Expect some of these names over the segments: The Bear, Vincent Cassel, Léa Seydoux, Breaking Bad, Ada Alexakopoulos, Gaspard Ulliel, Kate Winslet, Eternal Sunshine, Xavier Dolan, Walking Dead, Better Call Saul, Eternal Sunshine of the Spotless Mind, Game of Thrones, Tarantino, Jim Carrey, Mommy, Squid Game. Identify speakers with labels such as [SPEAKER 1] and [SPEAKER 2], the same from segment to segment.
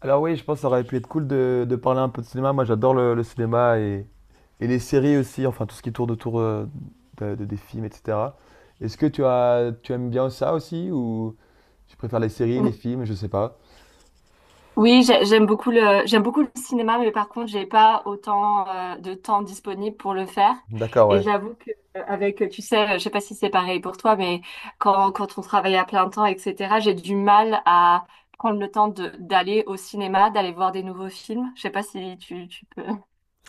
[SPEAKER 1] Alors oui, je pense que ça aurait pu être cool de parler un peu de cinéma. Moi, j'adore le cinéma et les séries aussi, enfin tout ce qui tourne autour des films, etc. Est-ce que tu aimes bien ça aussi ou tu préfères les séries, les
[SPEAKER 2] Ou-
[SPEAKER 1] films, je sais pas.
[SPEAKER 2] Oui, j'aime beaucoup j'aime beaucoup le cinéma, mais par contre, j'ai pas autant de temps disponible pour le faire.
[SPEAKER 1] D'accord,
[SPEAKER 2] Et
[SPEAKER 1] ouais.
[SPEAKER 2] j'avoue que avec, tu sais, je sais pas si c'est pareil pour toi, mais quand on travaille à plein temps, etc., j'ai du mal à prendre le temps d'aller au cinéma, d'aller voir des nouveaux films. Je sais pas si tu peux,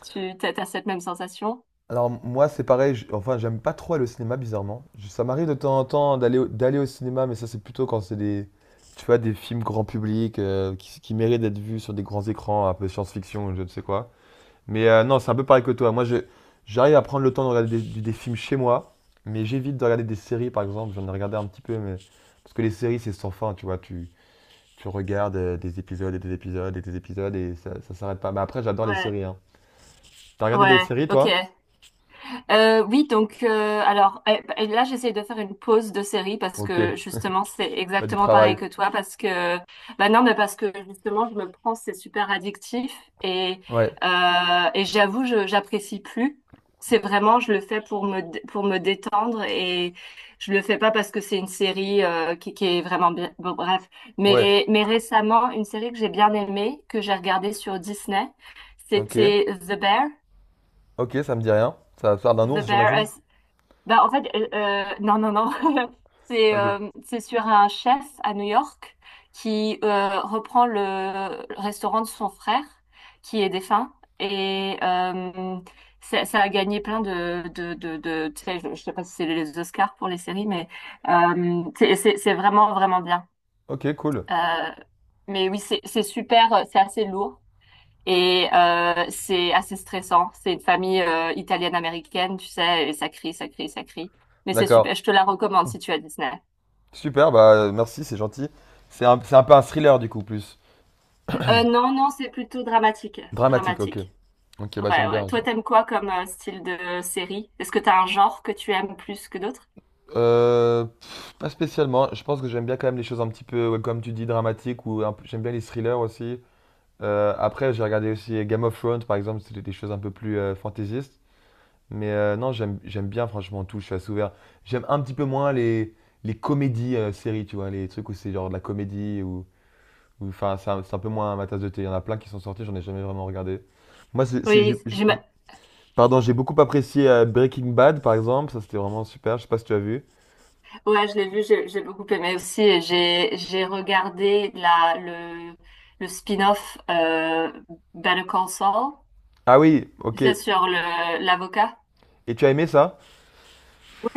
[SPEAKER 2] t'as cette même sensation.
[SPEAKER 1] Alors moi, c'est pareil, enfin j'aime pas trop aller au cinéma, bizarrement. Ça m'arrive de temps en temps d'aller au cinéma, mais ça c'est plutôt quand c'est des, tu vois, des films grand public qui méritent d'être vus sur des grands écrans, un peu science-fiction, ou je ne sais quoi. Mais non, c'est un peu pareil que toi. J'arrive à prendre le temps de regarder des films chez moi, mais j'évite de regarder des séries, par exemple. J'en ai regardé un petit peu, mais parce que les séries, c'est sans fin, tu vois. Tu regardes des épisodes et des épisodes et des épisodes et ça s'arrête pas. Mais après, j'adore les
[SPEAKER 2] Ouais,
[SPEAKER 1] séries, hein. T'as regardé des
[SPEAKER 2] ouais,
[SPEAKER 1] séries,
[SPEAKER 2] ok.
[SPEAKER 1] toi?
[SPEAKER 2] Oui, donc alors et là j'essaie de faire une pause de série parce
[SPEAKER 1] Ok,
[SPEAKER 2] que justement c'est
[SPEAKER 1] t'as du
[SPEAKER 2] exactement pareil
[SPEAKER 1] travail.
[SPEAKER 2] que toi parce que bah non mais parce que justement je me prends c'est super addictif et
[SPEAKER 1] Ouais,
[SPEAKER 2] euh, et j'avoue je j'apprécie plus. C'est vraiment je le fais pour pour me détendre et je le fais pas parce que c'est une série qui est vraiment bien. Bon, bref,
[SPEAKER 1] ouais,
[SPEAKER 2] mais récemment une série que j'ai bien aimée que j'ai regardée sur Disney,
[SPEAKER 1] ok.
[SPEAKER 2] c'était The Bear.
[SPEAKER 1] Ok, ça me dit rien. Ça va faire d'un
[SPEAKER 2] The
[SPEAKER 1] ours,
[SPEAKER 2] Bear,
[SPEAKER 1] j'imagine?
[SPEAKER 2] bah, en fait, non, non, non.
[SPEAKER 1] Ok.
[SPEAKER 2] C'est sur un chef à New York qui reprend le restaurant de son frère qui est défunt. Et ça a gagné plein tu sais, je sais pas si c'est les Oscars pour les séries, mais c'est vraiment, vraiment bien.
[SPEAKER 1] Ok, cool.
[SPEAKER 2] Euh, mais oui, c'est super, c'est assez lourd. Et c'est assez stressant. C'est une famille italienne-américaine, tu sais, et ça crie, ça crie, ça crie. Mais c'est super,
[SPEAKER 1] D'accord.
[SPEAKER 2] je te la recommande si tu as Disney.
[SPEAKER 1] Super, bah merci, c'est gentil. C'est un peu un thriller, du coup, plus.
[SPEAKER 2] Non, non, c'est plutôt dramatique.
[SPEAKER 1] Dramatique, ok.
[SPEAKER 2] Dramatique.
[SPEAKER 1] Ok, bah
[SPEAKER 2] Ouais,
[SPEAKER 1] j'aime
[SPEAKER 2] ouais.
[SPEAKER 1] bien.
[SPEAKER 2] Toi, t'aimes quoi comme style de série? Est-ce que t'as un genre que tu aimes plus que d'autres?
[SPEAKER 1] Pff, pas spécialement. Je pense que j'aime bien quand même les choses un petit peu, ouais, comme tu dis, dramatiques ou un p j'aime bien les thrillers aussi. Après, j'ai regardé aussi Game of Thrones, par exemple, c'était des choses un peu plus, fantaisistes. Mais, non, j'aime bien, franchement, tout. Je suis assez ouvert. J'aime un petit peu moins les comédies, séries, tu vois? Les trucs où c'est genre de la comédie ou enfin, c'est un peu moins ma tasse de thé. Il y en a plein qui sont sortis, j'en ai jamais vraiment regardé. Moi, c'est
[SPEAKER 2] Oui, j'ai
[SPEAKER 1] j'ai
[SPEAKER 2] ma-
[SPEAKER 1] pardon, j'ai beaucoup apprécié, Breaking Bad, par exemple. Ça, c'était vraiment super. Je sais pas si tu as vu?
[SPEAKER 2] ouais, je l'ai vu, j'ai beaucoup aimé aussi. Et j'ai regardé la le spin-off Better Call Saul,
[SPEAKER 1] Ah oui,
[SPEAKER 2] tu
[SPEAKER 1] OK.
[SPEAKER 2] sais, sur le l'avocat.
[SPEAKER 1] Et tu as aimé ça?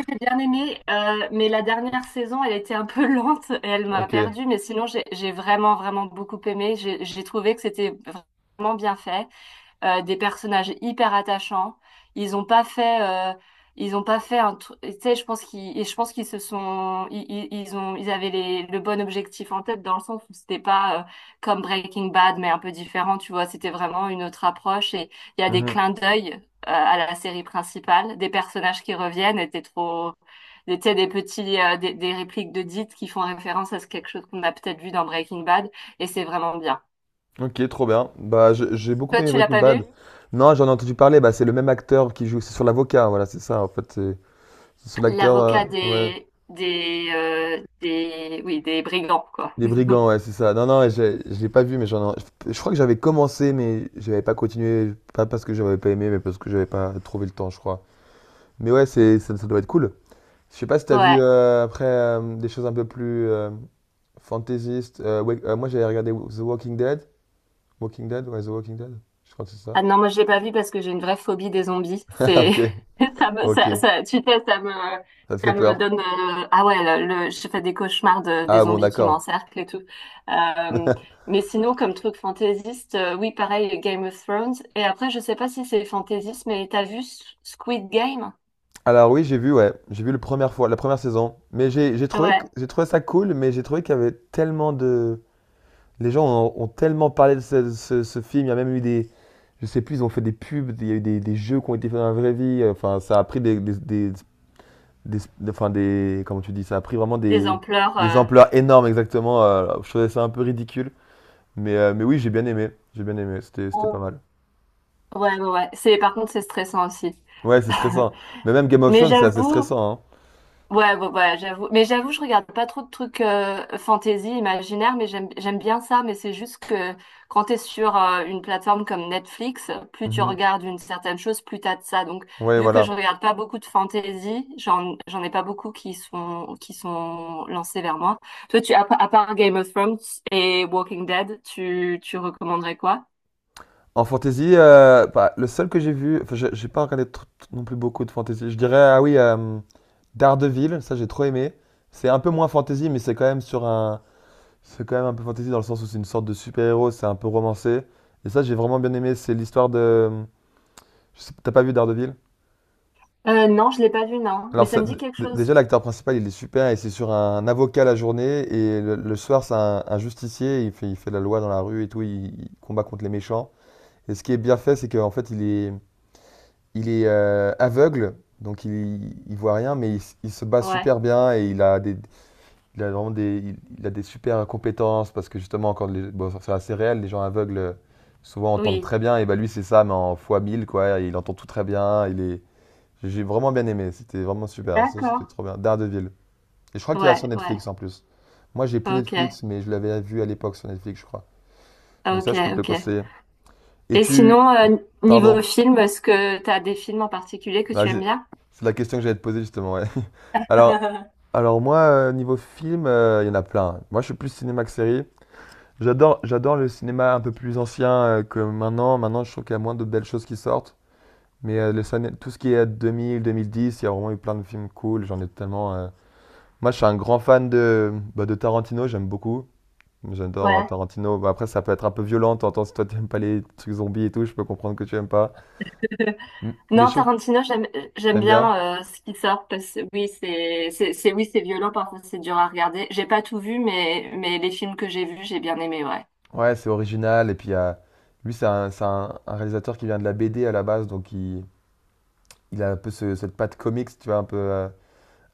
[SPEAKER 2] J'ai bien aimé, mais la dernière saison, elle était un peu lente et elle m'a
[SPEAKER 1] Ok.
[SPEAKER 2] perdue. Mais sinon, j'ai vraiment, vraiment beaucoup aimé. J'ai trouvé que c'était vraiment bien fait des personnages hyper attachants. Ils ont pas fait, euh, ils ont pas fait un truc. Tu sais, je pense qu'ils se sont, ils avaient le bon objectif en tête dans le sens où c'était pas comme Breaking Bad, mais un peu différent. Tu vois, c'était vraiment une autre approche et il y a des
[SPEAKER 1] Mhm.
[SPEAKER 2] clins d'œil à la série principale, des personnages qui reviennent. Tu sais, des répliques de dites qui font référence à ce quelque chose qu'on a peut-être vu dans Breaking Bad et c'est vraiment bien.
[SPEAKER 1] Ok, trop bien. Bah, j'ai beaucoup
[SPEAKER 2] Toi,
[SPEAKER 1] aimé
[SPEAKER 2] tu l'as
[SPEAKER 1] Breaking
[SPEAKER 2] pas vu?
[SPEAKER 1] Bad. Non, j'en ai entendu parler. Bah, c'est le même acteur qui joue. C'est sur l'avocat. Voilà, c'est ça. En fait, c'est sur l'acteur.
[SPEAKER 2] L'avocat
[SPEAKER 1] Ouais.
[SPEAKER 2] des oui des brigands quoi.
[SPEAKER 1] Les brigands, ouais, c'est ça. Non, non, je l'ai pas vu, mais j'en ai... Je crois que j'avais commencé, mais j'avais pas continué. Pas parce que j'avais pas aimé, mais parce que j'avais pas trouvé le temps, je crois. Mais ouais, c'est ça, ça doit être cool. Je sais pas si t'as vu
[SPEAKER 2] Ouais.
[SPEAKER 1] après des choses un peu plus fantaisistes. Ouais, moi, j'avais regardé The Walking Dead. Walking Dead, ouais, The Walking Dead. Je crois que c'est ça.
[SPEAKER 2] Ah non, moi je l'ai pas vu parce que j'ai une vraie phobie des zombies. C'est
[SPEAKER 1] Ok,
[SPEAKER 2] ça me ça,
[SPEAKER 1] ok,
[SPEAKER 2] ça tu sais
[SPEAKER 1] ça te
[SPEAKER 2] ça
[SPEAKER 1] fait
[SPEAKER 2] me
[SPEAKER 1] peur.
[SPEAKER 2] donne ah ouais je fais des cauchemars des
[SPEAKER 1] Ah bon,
[SPEAKER 2] zombies qui
[SPEAKER 1] d'accord.
[SPEAKER 2] m'encerclent et tout. Euh, mais sinon comme truc fantaisiste oui pareil Game of Thrones et après je sais pas si c'est fantaisiste mais t'as vu Squid Game?
[SPEAKER 1] Alors oui, j'ai vu, ouais, j'ai vu la première fois, la première saison, mais j'ai trouvé
[SPEAKER 2] Ouais.
[SPEAKER 1] j'ai trouvé ça cool, mais j'ai trouvé qu'il y avait tellement de, les gens ont tellement parlé de ce film, il y a même eu des, je sais plus, ils ont fait des pubs, il y a eu des jeux qui ont été faits dans la vraie vie, enfin ça a pris enfin des, comment tu dis, ça a pris vraiment
[SPEAKER 2] Les ampleurs.
[SPEAKER 1] des ampleurs énormes exactement. Je trouvais ça un peu ridicule, mais oui, j'ai bien aimé, c'était
[SPEAKER 2] Oh.
[SPEAKER 1] pas mal.
[SPEAKER 2] Ouais, ouais, ouais. C'est, par contre c'est stressant aussi.
[SPEAKER 1] Ouais, c'est stressant. Mais même Game of
[SPEAKER 2] Mais
[SPEAKER 1] Thrones, c'est assez
[SPEAKER 2] j'avoue,
[SPEAKER 1] stressant,
[SPEAKER 2] ouais, ouais, ouais, j'avoue. Mais j'avoue, je regarde pas trop de trucs fantasy, imaginaire, mais j'aime bien ça. Mais c'est juste que quand t'es sur une plateforme comme Netflix, plus
[SPEAKER 1] hein.
[SPEAKER 2] tu
[SPEAKER 1] Mhm.
[SPEAKER 2] regardes une certaine chose, plus t'as de ça. Donc,
[SPEAKER 1] Ouais,
[SPEAKER 2] vu que
[SPEAKER 1] voilà.
[SPEAKER 2] je regarde pas beaucoup de fantasy, j'en ai pas beaucoup qui sont lancés vers moi. Toi, à part Game of Thrones et Walking Dead, tu recommanderais quoi?
[SPEAKER 1] En fantasy, bah, le seul que j'ai vu, enfin, j'ai pas regardé non plus beaucoup de fantasy. Je dirais, ah oui, Daredevil, ça j'ai trop aimé. C'est un peu moins fantasy, mais c'est quand même un peu fantasy dans le sens où c'est une sorte de super-héros, c'est un peu romancé. Et ça, j'ai vraiment bien aimé. C'est l'histoire de, je sais- t'as pas vu Daredevil?
[SPEAKER 2] Non, je l'ai pas vu, non. Mais
[SPEAKER 1] Alors,
[SPEAKER 2] ça me dit quelque chose.
[SPEAKER 1] déjà, l'acteur principal, il est super, et c'est sur un avocat la journée, et le soir, un justicier, il fait la loi dans la rue et tout, il combat contre les méchants. Et ce qui est bien fait, c'est qu'en fait, il est aveugle, donc il voit rien, mais il se bat
[SPEAKER 2] Ouais.
[SPEAKER 1] super bien, et il a vraiment des, il a des super compétences, parce que justement, quand les, bon, c'est assez réel, les gens aveugles, souvent, entendent
[SPEAKER 2] Oui.
[SPEAKER 1] très bien, et bah lui, c'est ça, mais en fois 1000 quoi, il entend tout très bien, il est... J'ai vraiment bien aimé, c'était vraiment super, ça,
[SPEAKER 2] D'accord.
[SPEAKER 1] c'était trop bien. Daredevil. Et je crois qu'il y a sur
[SPEAKER 2] Ouais, ouais.
[SPEAKER 1] Netflix en plus. Moi, j'ai plus
[SPEAKER 2] Ok.
[SPEAKER 1] Netflix, mais je l'avais vu à l'époque sur Netflix, je crois. Donc
[SPEAKER 2] Ok,
[SPEAKER 1] ça, je peux te le
[SPEAKER 2] ok.
[SPEAKER 1] conseiller. Et
[SPEAKER 2] Et
[SPEAKER 1] tu...
[SPEAKER 2] sinon, niveau
[SPEAKER 1] Pardon.
[SPEAKER 2] film, est-ce que tu as des films en particulier que
[SPEAKER 1] Bah,
[SPEAKER 2] tu aimes
[SPEAKER 1] j'ai-
[SPEAKER 2] bien?
[SPEAKER 1] C'est la question que j'allais te poser justement, ouais. Alors, alors moi, niveau film, il y en a plein. Moi, je suis plus cinéma que série. J'adore le cinéma un peu plus ancien que maintenant. Maintenant, je trouve qu'il y a moins de belles choses qui sortent. Mais tout ce qui est 2000, 2010, il y a vraiment eu plein de films cool. J'en ai tellement.... Moi, je suis un grand fan de, bah, de Tarantino, j'aime beaucoup. J'adore
[SPEAKER 2] Ouais.
[SPEAKER 1] Tarantino. Bah, après, ça peut être un peu violent. T'entends, si toi, t'aimes pas les trucs zombies et tout, je peux comprendre que tu aimes pas. M-
[SPEAKER 2] Non,
[SPEAKER 1] mais oui,
[SPEAKER 2] Tarantino, j'aime
[SPEAKER 1] t'aimes bien?
[SPEAKER 2] bien ce qui sort parce que oui, oui, c'est violent parfois, c'est dur à regarder. J'ai pas tout vu, mais les films que j'ai vus, j'ai bien aimé, ouais.
[SPEAKER 1] Ouais, c'est original. Et puis, lui, un réalisateur qui vient de la BD à la base. Donc, il a un peu cette patte comics, tu vois,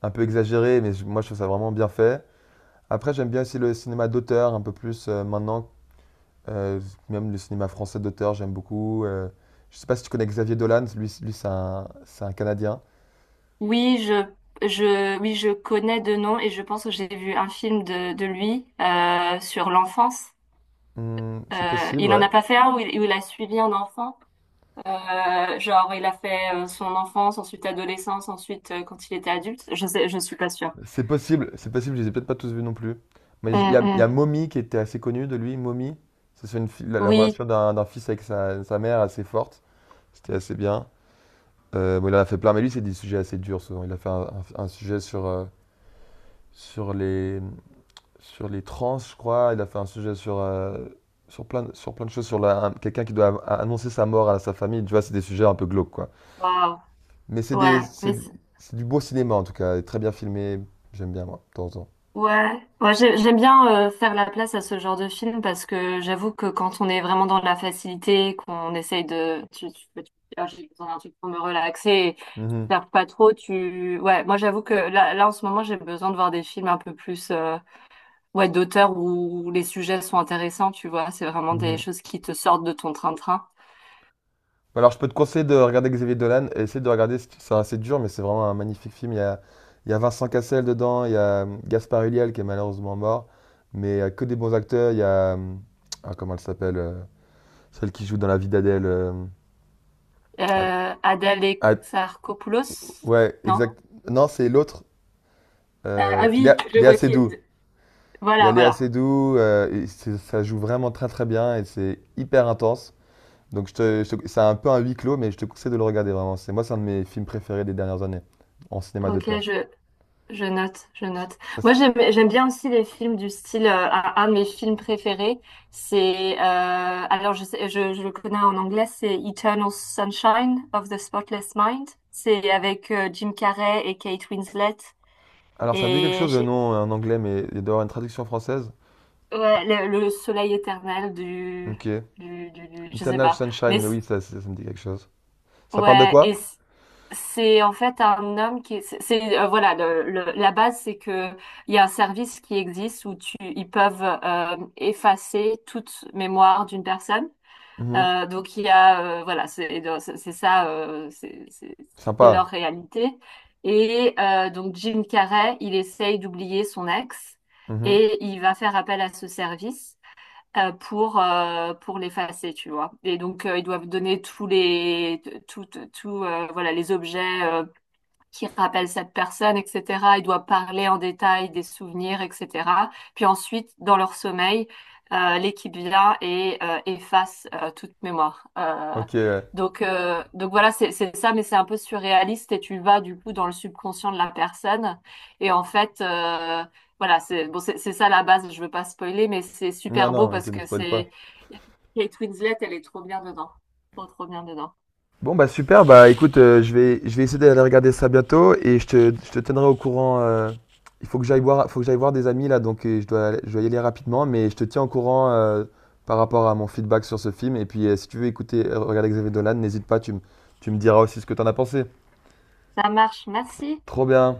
[SPEAKER 1] un peu exagérée. Moi, je trouve ça vraiment bien fait. Après, j'aime bien aussi le cinéma d'auteur, un peu plus maintenant. Euh, même le cinéma français d'auteur, j'aime beaucoup. Je sais pas si tu connais Xavier Dolan. Lui, c'est un Canadien.
[SPEAKER 2] Oui, je oui, je connais de nom et je pense que j'ai vu un film de lui sur l'enfance.
[SPEAKER 1] Hmm, c'est possible,
[SPEAKER 2] Il en
[SPEAKER 1] ouais.
[SPEAKER 2] a pas fait un où il a suivi un enfant. Genre, il a fait son enfance, ensuite adolescence, ensuite quand il était adulte. Je sais, je suis pas sûre.
[SPEAKER 1] C'est possible, je les ai peut-être pas tous vus non plus.
[SPEAKER 2] Hum,
[SPEAKER 1] Il y a
[SPEAKER 2] hum.
[SPEAKER 1] Mommy qui était assez connu de lui, Mommy. C'est sur une fi- la
[SPEAKER 2] Oui.
[SPEAKER 1] relation d'un fils avec sa mère assez forte. C'était assez bien. Bon, il en a fait plein, mais lui, c'est des sujets assez durs souvent. Il a fait un sujet sur, sur les, sur les trans, je crois. Il a fait un sujet sur, sur plein de choses, quelqu'un qui doit annoncer sa mort à sa famille. Tu vois, c'est des sujets un peu glauques, quoi.
[SPEAKER 2] Waouh.
[SPEAKER 1] Mais c'est des,
[SPEAKER 2] Ouais. Mais
[SPEAKER 1] c'est du beau cinéma en tout cas, très bien filmé. J'aime bien, moi, de temps en temps.
[SPEAKER 2] ouais, ouais, j'aime bien faire la place à ce genre de film parce que j'avoue que quand on est vraiment dans la facilité, qu'on essaye de, peux te dire, ah, j'ai besoin d'un truc pour me relaxer, et
[SPEAKER 1] Mhm.
[SPEAKER 2] faire pas trop, ouais, moi j'avoue que là en ce moment j'ai besoin de voir des films un peu plus, ouais, d'auteur où les sujets sont intéressants, tu vois, c'est vraiment des
[SPEAKER 1] Mhm.
[SPEAKER 2] choses qui te sortent de ton train-train.
[SPEAKER 1] Alors, je peux te conseiller de regarder Xavier Dolan et essayer de regarder, ça c'est assez dur, mais c'est vraiment un magnifique film. Il y a Vincent Cassel dedans, il y a Gaspard Ulliel qui est malheureusement mort, mais il y a que des bons acteurs. Il y a, ah, comment elle s'appelle celle qui joue dans La vie d'Adèle. Ah,
[SPEAKER 2] Ada
[SPEAKER 1] ah,
[SPEAKER 2] Alexakopoulos,
[SPEAKER 1] ouais,
[SPEAKER 2] non?
[SPEAKER 1] exact. Non, c'est l'autre,
[SPEAKER 2] Ah oui, je
[SPEAKER 1] Léa
[SPEAKER 2] vois qui
[SPEAKER 1] Seydoux.
[SPEAKER 2] est.
[SPEAKER 1] Il y a
[SPEAKER 2] Voilà,
[SPEAKER 1] Léa
[SPEAKER 2] voilà.
[SPEAKER 1] Seydoux, et ça joue vraiment très très bien et c'est hyper intense. Donc, c'est un peu un huis clos, mais je te conseille de le regarder vraiment. C'est un de mes films préférés des dernières années en cinéma
[SPEAKER 2] Ok,
[SPEAKER 1] d'auteur.
[SPEAKER 2] je, je note, je note.
[SPEAKER 1] Ça s-
[SPEAKER 2] Moi, j'aime bien aussi les films du style, un de mes films préférés, c'est, alors je le connais en anglais, c'est Eternal Sunshine of the Spotless Mind. C'est avec Jim Carrey et Kate Winslet.
[SPEAKER 1] alors, ça me dit quelque
[SPEAKER 2] Et
[SPEAKER 1] chose le
[SPEAKER 2] j'ai-
[SPEAKER 1] nom en anglais, mais il doit y avoir une traduction française.
[SPEAKER 2] ouais, le soleil éternel
[SPEAKER 1] Ok.
[SPEAKER 2] je sais
[SPEAKER 1] Eternal
[SPEAKER 2] pas. Mais
[SPEAKER 1] Sunshine, mais oui, ça me dit quelque chose. Ça parle de
[SPEAKER 2] ouais,
[SPEAKER 1] quoi?
[SPEAKER 2] c'est en fait un homme qui, voilà, la base c'est que il y a un service qui existe où tu, ils peuvent effacer toute mémoire d'une personne.
[SPEAKER 1] Mhm.
[SPEAKER 2] Donc il y a, voilà, c'est ça, c'est
[SPEAKER 1] Sympa.
[SPEAKER 2] leur réalité. Et donc Jim Carrey, il essaye d'oublier son ex
[SPEAKER 1] Mhm.
[SPEAKER 2] et il va faire appel à ce service pour l'effacer, tu vois. Et donc, ils doivent donner tous les, tout, tout, voilà, les objets qui rappelle cette personne, etc. Ils doivent parler en détail des souvenirs, etc. Puis ensuite, dans leur sommeil, l'équipe vient et efface toute mémoire.
[SPEAKER 1] Ok, ouais.
[SPEAKER 2] Donc voilà, c'est ça, mais c'est un peu surréaliste et tu vas du coup dans le subconscient de la personne. Et en fait, voilà, c'est bon, c'est ça la base. Je veux pas spoiler, mais c'est
[SPEAKER 1] Non,
[SPEAKER 2] super beau
[SPEAKER 1] non, mais
[SPEAKER 2] parce
[SPEAKER 1] tu me
[SPEAKER 2] que
[SPEAKER 1] spoil pas.
[SPEAKER 2] c'est Kate Winslet, elle est trop bien dedans, trop trop bien dedans.
[SPEAKER 1] Bon, bah super, bah écoute, je vais essayer d'aller regarder ça bientôt et je te tiendrai au courant. Il faut que j'aille voir, faut que j'aille voir des amis là, donc je dois y aller rapidement, mais je te tiens au courant par rapport à mon feedback sur ce film. Et puis, si tu veux écouter, regarder Xavier Dolan, n'hésite pas, tu me diras aussi ce que t'en as pensé.
[SPEAKER 2] Ça marche, merci.
[SPEAKER 1] Trop bien.